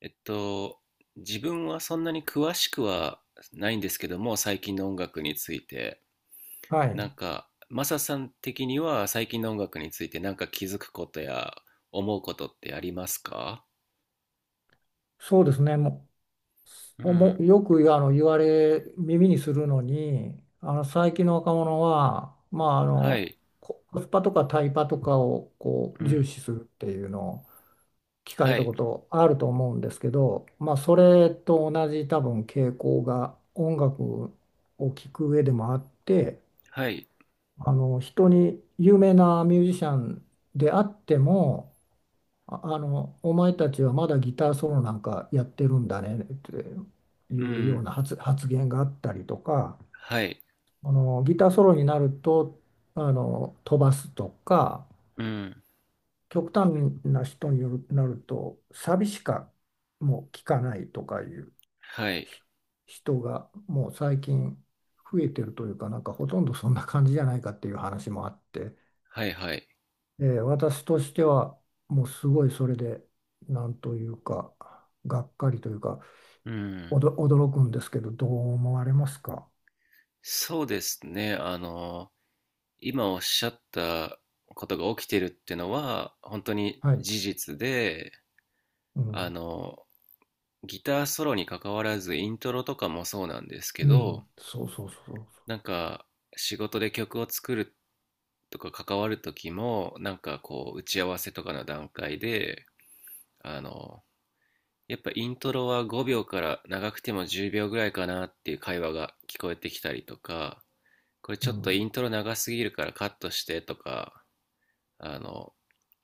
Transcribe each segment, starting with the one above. えっと、自分はそんなに詳しくはないんですけども、最近の音楽について、はなんい、か、マサさん的には最近の音楽についてなんか気づくことや思うことってありますか？そうですね、もうう、もん。うよく言われ、耳にするのに、あの最近の若者は、まあ、あはのい。ココスパとかタイパとかをこうう重ん。視するっていうのを聞かれはたい。ことあると思うんですけど、まあ、それと同じ多分傾向が音楽を聴く上でもあって、はい。あの人に有名なミュージシャンであっても、お前たちはまだギターソロなんかやってるんだねっていううようん。な発言があったりとか、はい。あの、ギターソロになると、あの、飛ばすとか、うん。極端な人による、なると、サビしかもう聞かないとかいうはい。ひ人がもう最近増えてるというか、なんかほとんどそんな感じじゃないかっていう話もあって、はい。はい。私としてはもうすごいそれでなんというかがっかりというかうん。驚くんですけど、どう思われますか？そうですね、今おっしゃったことが起きてるってのは、本当にはい、事実で、うあん、の、ギターソロに関わらずイントロとかもそうなんですけうん、ど、そうそうそうそなんか仕事で曲を作るとか関わる時も、なんかこう打ち合わせとかの段階であのやっぱイントロは5秒から長くても10秒ぐらいかなっていう会話が聞こえてきたりとか、これう、ちうょっとイントロ長すぎるからカットしてとか、あの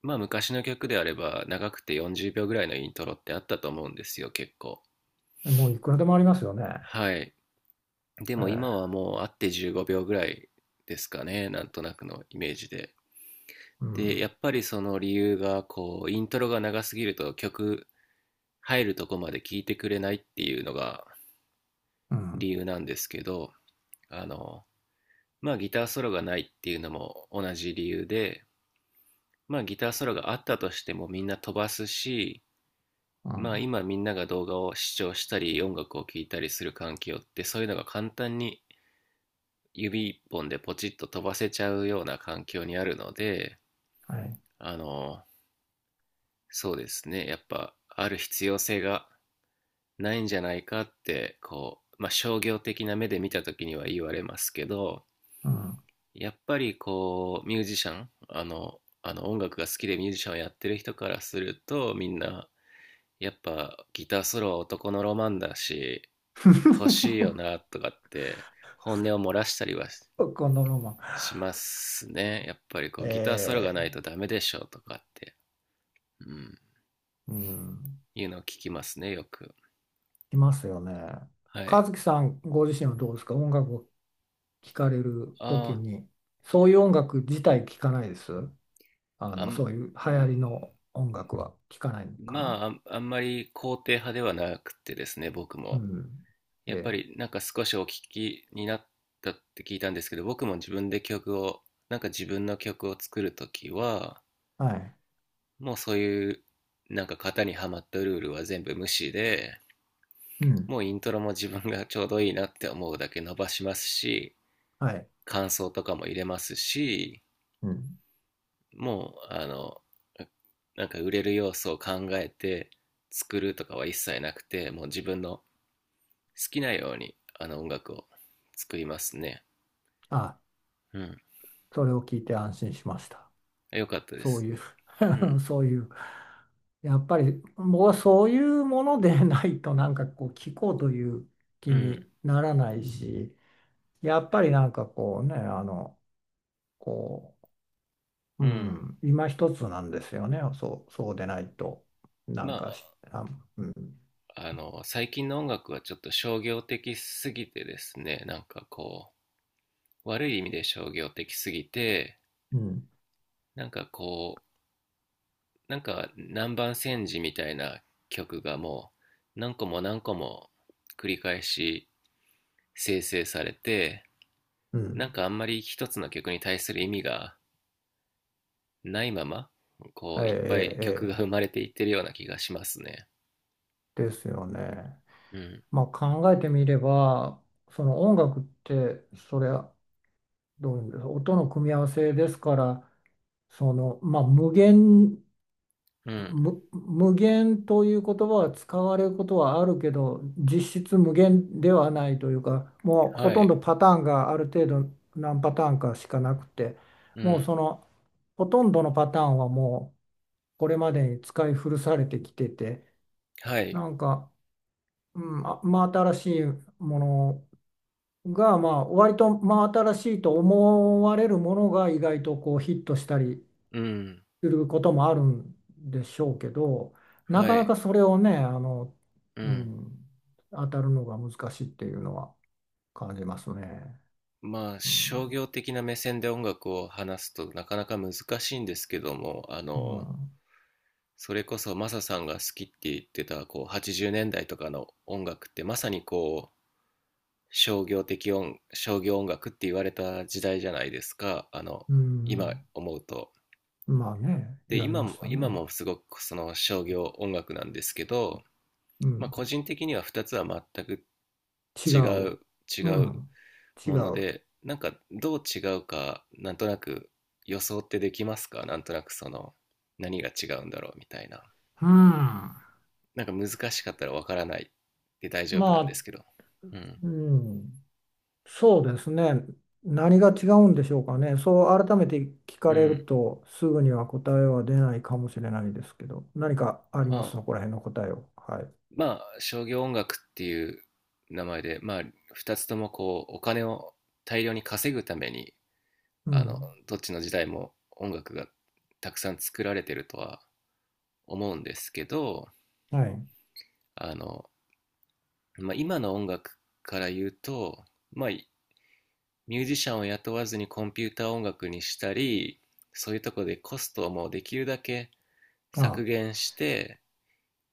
まあ昔の曲であれば長くて40秒ぐらいのイントロってあったと思うんですよ、結構。ん、もういくらでもありますよね。はい。でえも今はーもう会って15秒ぐらいですかね、なんとなくのイメージで。うで、やん、っぱりその理由が、こう、イントロが長すぎると曲入るとこまで聴いてくれないっていうのがうん、理由なんですけど、あの、まあギターソロがないっていうのも同じ理由で、まあギターソロがあったとしてもみんな飛ばすし、うまあん、今みんなが動画を視聴したり音楽を聴いたりする環境って、そういうのが簡単に指一本でポチッと飛ばせちゃうような環境にあるので、はい、あの、そうですね、やっぱある必要性がないんじゃないかって、こう、まあ、商業的な目で見た時には言われますけど、うん。やっぱりこう、ミュージシャン、音楽が好きでミュージシャンをやってる人からすると、みんな、やっぱギターソロは男のロマンだし、欲しいよ なとかって本音を漏らしたりはこのロマン。しますね。やっぱりこうギターソロがないえとダメでしょとかって、うん、うん、いうのを聞きますね、よく。いますよね。は和い。樹さんご自身はどうですか、音楽聞かれる時あに。そういう音楽自体聞かないです。ああ、あの、ん、そういう流行りの音楽は聞かないのかな。まあ、あんまり肯定派ではなくてですね、僕うも。ん。えやっぱえ、りなんか少しお聞きになったって聞いたんですけど、僕も自分で曲を、なんか自分の曲を作るときは、はい。もうそういうなんか型にはまったルールは全部無視で、うん。もうイントロも自分がちょうどいいなって思うだけ伸ばしますし、はい。感想とかも入れますし、うん。もうなんか売れる要素を考えて作るとかは一切なくて、もう自分の好きなように音楽を作りますね。あ、うん。それを聞いて安心しました。よかったでそうす。いう、 うん。 そういう。やっぱり僕はそういうものでないとなんかこう聞こうというう気ん。にならないし、やっぱりなんかこうね、あの、こう、ううん。ん、今一つなんですよね。そうでないと、なんまかし、あ、うん、あ最近の音楽はちょっと商業的すぎてですね、なんかこう悪い意味で商業的すぎて、うん、なんかこなんか南蛮戦時みたいな曲がもう何個も何個も繰り返し生成されて、うなんん、かあんまり一つの曲に対する意味がないまま、こええ、ういっぱい曲ええ、がえ生まれていってるような気がしますね。えですよね。うん。まあ考えてみれば、その音楽って、それはどういうんですか、音の組み合わせですから、その、まあ無限うん。む無限という言葉は使われることはあるけど、実質無限ではないというか、もうほはとんい。どパターンがある程度何パターンかしかなくて、うもうん。そのほとんどのパターンはもうこれまでに使い古されてきてて、はい。なんか、うん、真新しいものが、まあ割と真新しいと思われるものが意外とこうヒットしたりうん。することもあるんでしょうけど、なはかない。かそれをね、あの、ううん。ん、当たるのが難しいっていうのは感じますね。まあう商ん、業的な目線で音楽を話すとなかなか難しいんですけども、うん、それこそマサさんが好きって言ってたこう80年代とかの音楽って、まさにこう、商業音楽って言われた時代じゃないですか、う今ん、思うと。まあね、で言われ今ましも、た今ね。もすごくその商業音楽なんですけど、うまあ、ん、個人的には2つは全く違違う。う違ううん、違ものう。でなんか、どう違うかなんとなく予想ってできますか、なんとなくその何が違うんだろうみたいな。うん、まなんか難しかったらわからないで大丈夫なんであ、すけど。うん。うん。そうですね。何が違うんでしょうかね。そう改めて聞かうれるん。とすぐには答えは出ないかもしれないですけど、何かありまあすそこら辺の答えを。はい。まあ、商業音楽っていう名前で、まあ、二つともこう、お金を大量に稼ぐために、うあの、ん。どっちの時代も音楽がたくさん作られてるとは思うんですけど、はい。あの、まあ、今の音楽から言うと、まあ、ミュージシャンを雇わずにコンピューター音楽にしたり、そういうとこでコストをもうできるだけ削あ、減して、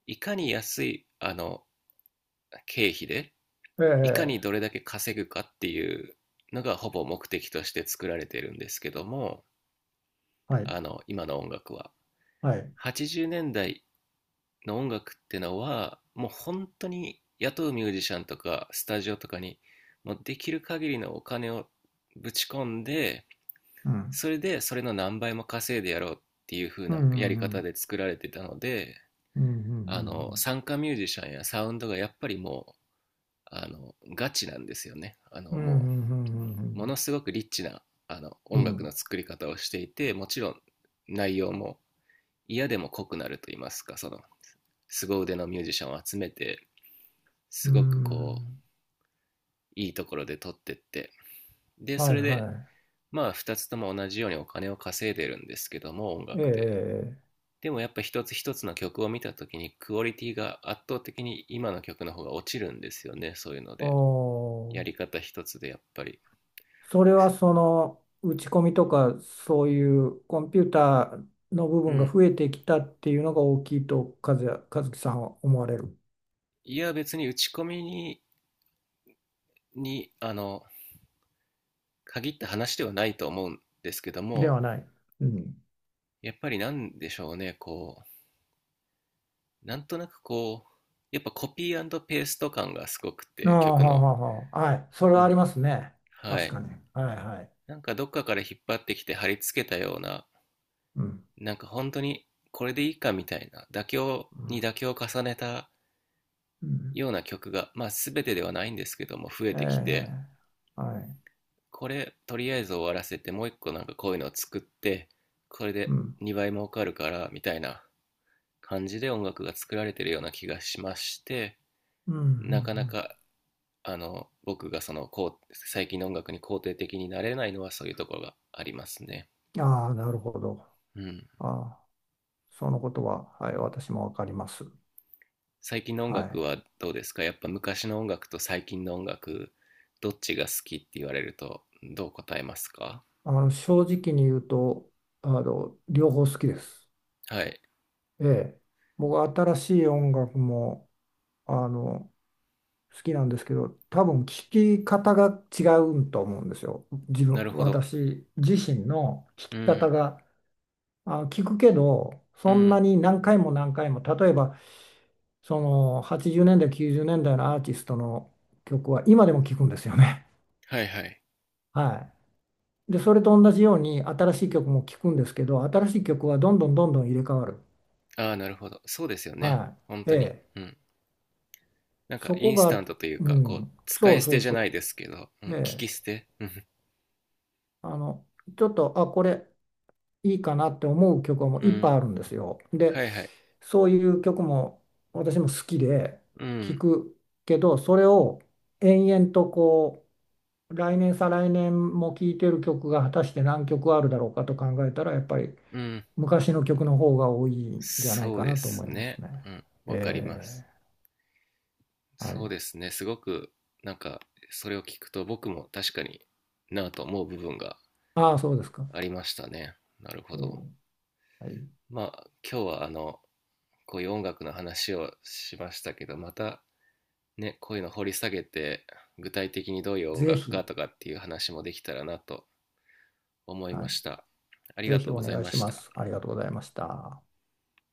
いかに安い、経費で、えいかにえ、どれだけ稼ぐかっていうのがほぼ目的として作られているんですけども、はい。今の音楽は。はい。80年代の音楽ってのは、もう本当に雇うミュージシャンとか、スタジオとかに、もうできる限りのお金をぶち込んで、うん。それでそれの何倍も稼いでやろうっていう風うなやりん。う方ん。で作られてたので、うん。うん。参加ミュージシャンやサウンドがやっぱりも、ガチなんですよね。うん。うもう、ものん。すごくリッチな、う音ん。う楽のん。作り方をしていて、もちろん内容も嫌でも濃くなると言いますか、その、凄腕のミュージシャンを集めて、うすごくこう、ん。いいところで撮ってって、で、そはい。れで、はまあ、二つとも同じようにお金を稼いでるんですけども、音い。え楽で。え。でもやっぱ一つ一つの曲を見た時にクオリティが圧倒的に今の曲の方が落ちるんですよね、そういうので。やおり方一つでやっぱり。それはその打ち込みとかそういうコンピューターの部う分がん、増えてきたっていうのが大きいと、和樹さんは思われる。いや、別に打ち込みに、に、あの、限った話ではないと思うんですけどでも、はない。うん。やっぱりなんでしょうね、こう、なんとなくこう、やっぱコピーペースト感がすごくあて、あ、曲はあの。はあはあ、はい。それうはありん。ますね。は確い。かに。はいはい。なんかどっかから引っ張ってきて貼り付けたような、うん。なんか本当にこれでいいかみたいな、妥協うにん。妥協を重ねたうん、ような曲が、まあ全てではないんですけども、増ええてきて、え、はい。これとりあえず終わらせてもう一個なんかこういうのを作って、これうでん。2倍儲かるからみたいな感じで音楽が作られてるような気がしまして、うん。うんうなかなか僕がそのこう最近の音楽に肯定的になれないのはそういうところがありますね。ん、ああ、なるほど。うん。ああ、そのことは、はい、私もわかります。最近の音は楽い。はどうですか、やっぱ昔の音楽と最近の音楽、どっちが好きって言われるとどう答えますか？あの、正直に言うと、あの、両方好きです。はい。ええ、僕新しい音楽もあの好きなんですけど、多分聴き方が違うと思うんですよ、自分なるほど。私自身の聴うきん。方が、聞くけど、うそんなん。に何回も何回も、例えばその80年代90年代のアーティストの曲は今でも聴くんですよね。はい。はい。 はい、でそれと同じように新しい曲も聴くんですけど、新しい曲はどんどんどんどん入れ替わる。ああ、なるほど。そうですよね。は本い、え当に。え、うん。なんか、そイこンスタが、ントといううか、こう、ん、使そいう捨そてうじゃないそですけど、うん、う。え聞え、き捨て。うん。あのちょっとこれいいかなって思う曲はもうういっぱいあん。るんですよ。ではいはい。そういう曲も私も好きでう聴ん。くけど、それを延々とこう来年再来年も聴いてる曲が果たして何曲あるだろうかと考えたらやっぱりうん。昔の曲の方が多いんじゃないそうかでなと思すいますね。ね。うん。わかりまえす。え、はそうい、ですね。すごく、なんか、それを聞くと僕も確かに、なぁと思う部分がああそうですか。ありましたね。なるほえど。え、はい、まあ、今日はこういう音楽の話をしましたけど、またね、こういうの掘り下げて、具体的にどういう音ぜ楽かひ、とかっていう話もできたらなと思いはまい、した。ありぜがひとうおござい願いまししまた。す。ありがとうございました。